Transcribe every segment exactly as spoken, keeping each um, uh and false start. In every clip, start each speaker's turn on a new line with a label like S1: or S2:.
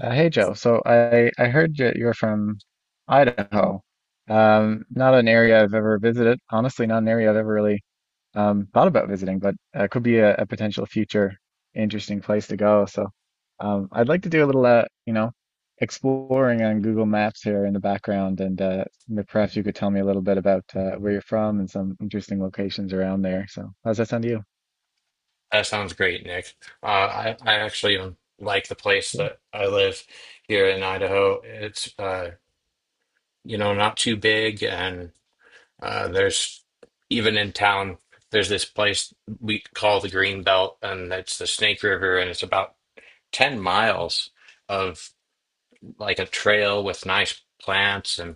S1: Uh, hey Joe, so I, I heard that you're from Idaho. Um, not an area I've ever visited. Honestly, not an area I've ever really um, thought about visiting, but uh, could be a, a potential future interesting place to go. So um, I'd like to do a little, uh, you know, exploring on Google Maps here in the background, and uh, m- perhaps you could tell me a little bit about uh, where you're from and some interesting locations around there. So how's that sound to you?
S2: That sounds great, Nick. Uh, I, I actually um, like the place
S1: Yeah.
S2: that I live here in Idaho. It's, uh, you know, not too big, and uh, there's, even in town, there's this place we call the Green Belt, and it's the Snake River, and it's about ten miles of, like, a trail with nice plants. And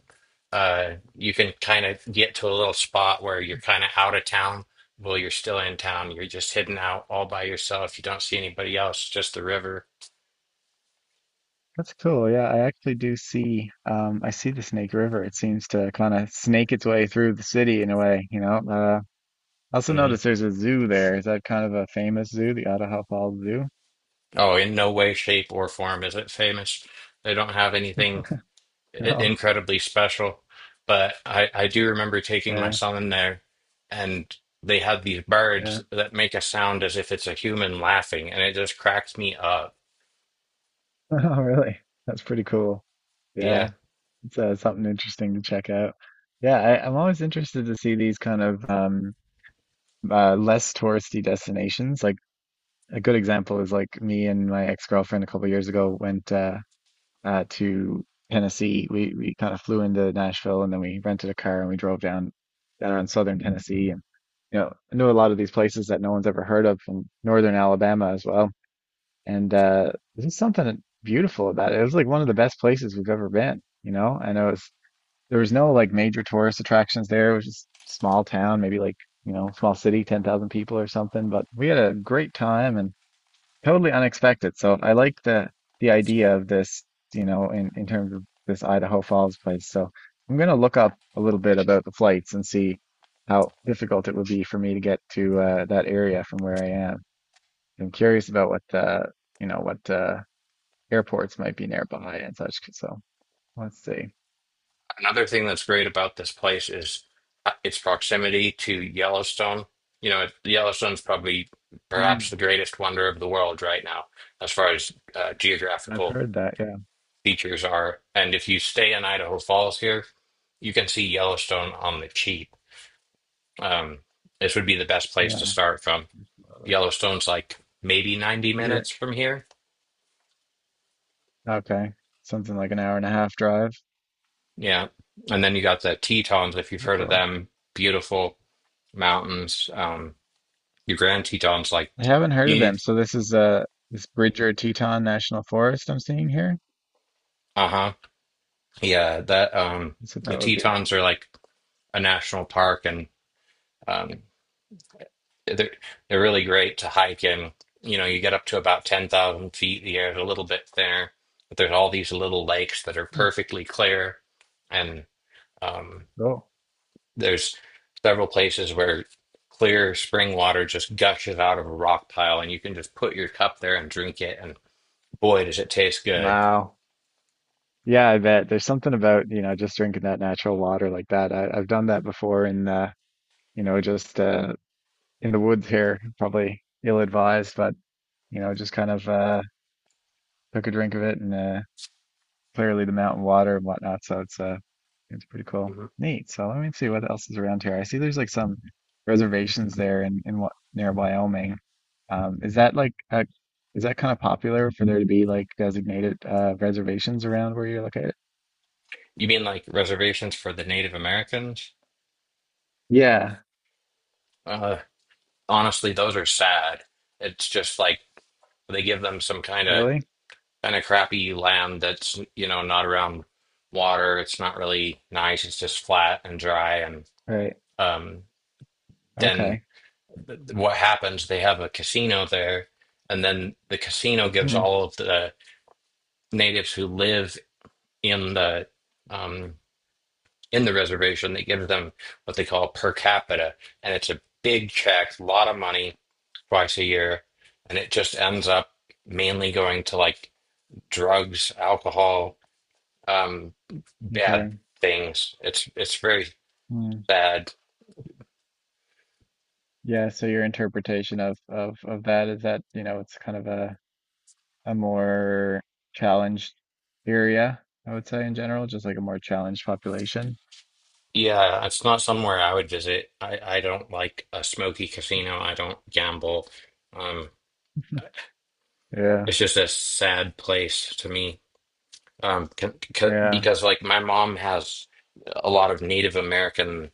S2: uh you can kind of get to a little spot where you're kind of out of town. Well, you're still in town, you're just hidden out all by yourself. You don't see anybody else, just the river.
S1: That's cool. Yeah, I actually do see um I see the Snake River. It seems to kind of snake its way through the city in a way, you know. Uh I also
S2: Hmm.
S1: noticed there's a zoo there. Is that kind of a famous zoo, the Idaho Falls Zoo?
S2: Oh, in no way, shape, or form is it famous. They don't have anything i-
S1: No.
S2: incredibly special, but I I do remember taking my
S1: Yeah,
S2: son there, and they had these birds
S1: yeah.
S2: that make a sound as if it's a human laughing, and it just cracked me up.
S1: Oh, really? That's pretty cool. Yeah,
S2: Yeah.
S1: it's uh, something interesting to check out. Yeah, I, I'm always interested to see these kind of um, uh, less touristy destinations. Like a good example is like me and my ex-girlfriend a couple years ago went. Uh, uh, to Tennessee. We we kind of flew into Nashville and then we rented a car and we drove down down in southern Tennessee, and you know, I knew a lot of these places that no one's ever heard of from northern Alabama as well. And uh, there's something beautiful about it. It was like one of the best places we've ever been. You know, and it was there was no like major tourist attractions there. It was just small town, maybe like, you know, small city, ten thousand people or something. But we had a great time, and totally unexpected. So I like the the idea of this, you know, in in terms of this Idaho Falls place. So I'm gonna look up a little bit about the flights and see how difficult it would be for me to get to uh, that area from where I am. I'm curious about what uh, you know, what uh, airports might be nearby and such. So let's see.
S2: Another thing that's great about this place is uh, its proximity to Yellowstone. You know, it- Yellowstone's probably
S1: Mm,
S2: perhaps the greatest wonder of the world right now, as far as uh,
S1: I've
S2: geographical
S1: heard that. Yeah.
S2: features are. And if you stay in Idaho Falls here, you can see Yellowstone on the cheap. Um, this would be the best place to
S1: Yeah.
S2: start from.
S1: Absolutely.
S2: Yellowstone's like maybe ninety
S1: You're
S2: minutes from here.
S1: okay. Something like an hour and a half drive.
S2: Yeah. And then you got the Tetons, if you've
S1: Pretty
S2: heard of
S1: cool.
S2: them, beautiful mountains. Um, Your Grand Teton's like
S1: I haven't heard
S2: you
S1: of
S2: need.
S1: them. So this is uh this Bridger Teton National Forest I'm seeing here.
S2: Uh-huh. Yeah, that um
S1: That's what
S2: The
S1: that would be.
S2: Tetons are like a national park, and um they're they're really great to hike in. You know, you get up to about ten thousand feet, the air's a little bit thinner, but there's all these little lakes that are
S1: Hmm.
S2: perfectly clear. And um
S1: Cool.
S2: there's several places where clear spring water just gushes out of a rock pile, and you can just put your cup there and drink it, and boy does it taste good.
S1: Wow. Yeah, I bet there's something about, you know, just drinking that natural water like that. I, I've done that before in uh, you know, just uh in the woods here, probably ill-advised, but you know, just kind of uh took a drink of it, and uh clearly the mountain water and whatnot. So it's uh it's pretty cool. Neat. So let me see what else is around here. I see there's like some reservations there in, in what near Wyoming. Um, is that like uh is that kind of popular for there to be like designated uh, reservations around where you're located?
S2: You mean like reservations for the Native Americans?
S1: Yeah,
S2: Uh, Honestly, those are sad. It's just like they give them some kind of
S1: really?
S2: kind of crappy land that's, you know, not around water. It's not really nice. It's just flat and dry. And
S1: Right.
S2: um, then
S1: Okay.
S2: th- th- what happens? They have a casino there, and then the casino gives
S1: Hmm.
S2: all of the natives who live in the um, in the reservation. They give them what they call per capita, and it's a big check, a lot of money twice a year, and it just ends up mainly going to, like, drugs, alcohol, um, bad
S1: Okay.
S2: things. It's it's very
S1: Hmm.
S2: sad.
S1: Yeah, so your interpretation of, of of that is that, you know, it's kind of a a more challenged area, I would say in general, just like a more challenged population.
S2: Yeah, it's not somewhere I would visit. I I don't like a smoky casino. I don't gamble. Um,
S1: Yeah.
S2: it's just a sad place to me. Um, c c
S1: Yeah.
S2: Because like my mom has a lot of Native American,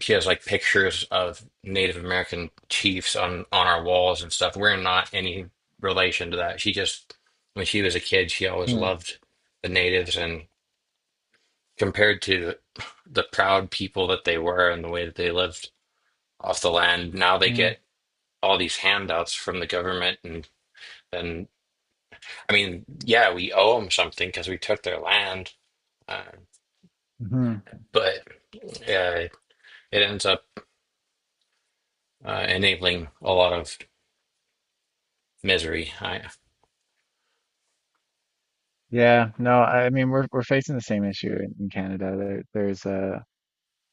S2: she has like pictures of Native American chiefs on on our walls and stuff. We're not any relation to that. She just, when she was a kid, she always
S1: Hmm.
S2: loved the natives, and compared to the proud people that they were and the way that they lived off the land, now they
S1: Hmm.
S2: get all these handouts from the government, and and I mean, yeah, we owe them something because we took their land, uh,
S1: Hmm.
S2: but uh, it ends up uh, enabling a lot of misery. I.
S1: Yeah, no, I mean we're we're facing the same issue in, in Canada. There, there's a,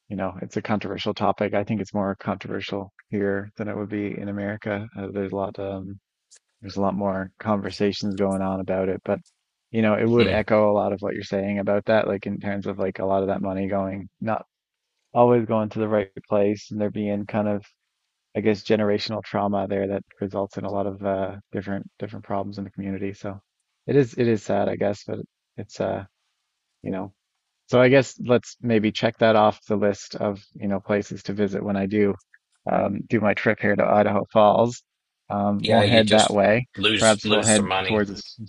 S1: you know, it's a controversial topic. I think it's more controversial here than it would be in America. Uh, there's a lot, um, there's a lot more conversations going on about it, but you know, it would
S2: Mm.
S1: echo a lot of what you're saying about that, like in terms of like a lot of that money going not always going to the right place, and there being kind of, I guess, generational trauma there that results in a lot of uh, different different problems in the community. So it is it is sad, I guess, but it's uh, you know, so I guess let's maybe check that off the list of, you know, places to visit when I do um, do my trip here to Idaho Falls. Um,
S2: Yeah,
S1: won't
S2: you
S1: head that
S2: just
S1: way.
S2: lose
S1: Perhaps we'll
S2: lose some
S1: head
S2: money.
S1: towards, this-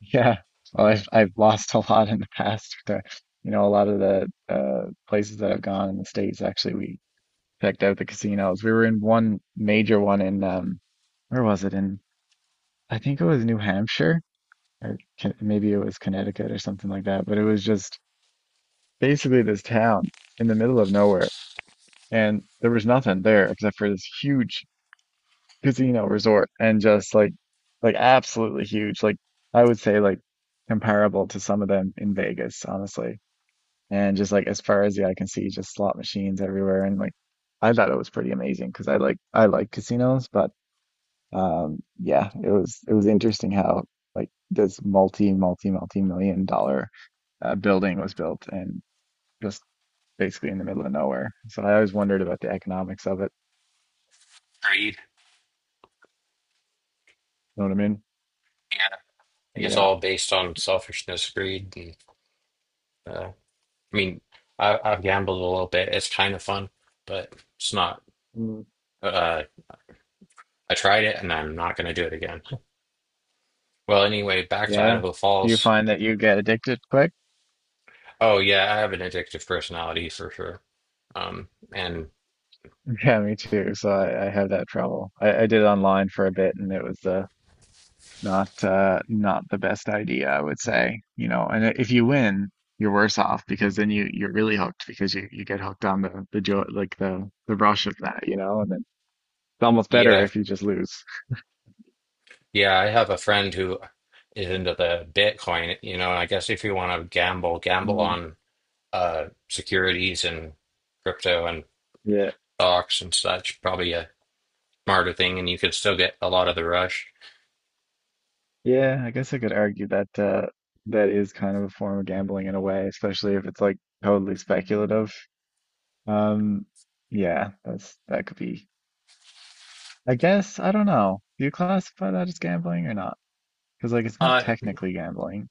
S1: yeah. Well, I've I've lost a lot in the past. To, you know, a lot of the uh, places that I've gone in the States, actually, we checked out the casinos. We were in one major one in um, where was it? In I think it was New Hampshire, or Con- maybe it was Connecticut or something like that. But it was just basically this town in the middle of nowhere, and there was nothing there except for this huge casino resort, and just like like absolutely huge. Like I would say like comparable to some of them in Vegas, honestly. And just like as far as the eye can see, just slot machines everywhere. And like I thought it was pretty amazing because I like I like casinos, but um yeah, it was it was interesting how like this multi multi multi million dollar uh, building was built and just basically in the middle of nowhere. So I always wondered about the economics of it.
S2: Greed.
S1: You know what I mean?
S2: Yeah. It's
S1: Yeah.
S2: all based on selfishness, greed, and uh, I mean, I, I've gambled a little bit. It's kind of fun, but it's not.
S1: Mm.
S2: Uh, I tried it, and I'm not going to do it again. Well, anyway, back to
S1: Yeah.
S2: Idaho
S1: Do you
S2: Falls.
S1: find that you get addicted quick?
S2: Oh yeah, I have an addictive personality for sure. Um, and
S1: Yeah, me too. So I, I have that trouble. I, I did online for a bit, and it was uh, not uh, not the best idea, I would say. You know, and if you win, you're worse off because then you you're really hooked because you, you get hooked on the the joy, like the the rush of that, you know, and then it's almost better
S2: Yeah,
S1: if you just lose.
S2: yeah, I have a friend who is into the Bitcoin, you know, and I guess if you want to gamble, gamble
S1: Mm,
S2: on uh securities and crypto and
S1: yeah.
S2: stocks and such. Probably a smarter thing, and you could still get a lot of the rush.
S1: Yeah, I guess I could argue that uh, that is kind of a form of gambling in a way, especially if it's like totally speculative. Um, yeah, that's that could be. I guess I don't know. Do you classify that as gambling or not? Because like it's not
S2: Uh,
S1: technically gambling.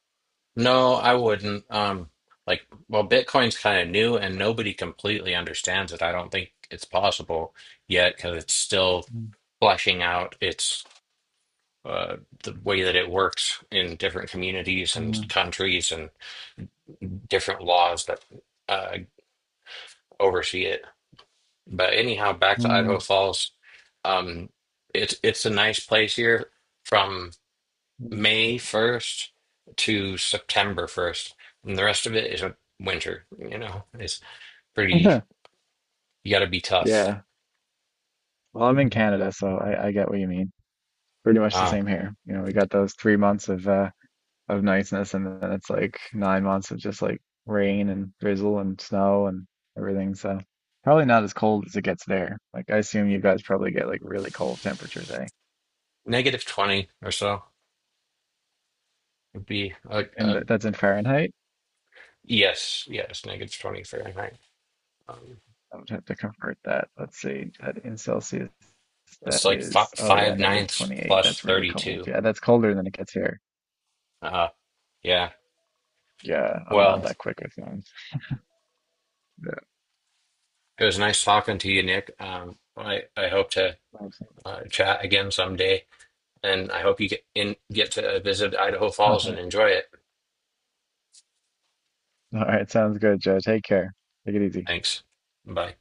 S2: no, I wouldn't. Um, like, well, Bitcoin's kind of new, and nobody completely understands it. I don't think it's possible yet because it's still
S1: Mm,
S2: fleshing out its uh, the way that it works in different communities and
S1: mm,
S2: countries and different laws that uh, oversee it. But anyhow, back to Idaho
S1: mm,
S2: Falls. Um, it's it's a nice place here from
S1: mm.
S2: May first to September first. And the rest of it is a winter. You know, it's pretty, you got to be tough.
S1: Yeah. Well, I'm in Canada, so I, I get what you mean. Pretty much the
S2: Uh,
S1: same here. You know, we got those three months of uh, of niceness, and then it's like nine months of just like rain and drizzle and snow and everything. So probably not as cold as it gets there. Like I assume you guys probably get like really cold temperatures, eh?
S2: Negative twenty or so would be, uh,
S1: And
S2: uh,
S1: th that's in Fahrenheit.
S2: Yes, yes, negative twenty Fahrenheit. Um,
S1: I would have to convert that. Let's see, that in Celsius,
S2: it's
S1: that
S2: like fi
S1: is, oh yeah,
S2: five
S1: negative
S2: ninths
S1: twenty-eight.
S2: plus
S1: That's really cold.
S2: thirty-two.
S1: Yeah, that's colder than it gets here.
S2: Uh, yeah.
S1: Yeah, I'm not
S2: Well,
S1: that quick with things. Yeah.
S2: it was nice talking to you, Nick. Um, I, I hope to
S1: Awesome.
S2: uh, chat again someday, and I hope you get in, get to visit Idaho
S1: All
S2: Falls and
S1: right.
S2: enjoy it.
S1: All right, sounds good, Joe. Take care. Take it easy.
S2: Thanks. Bye.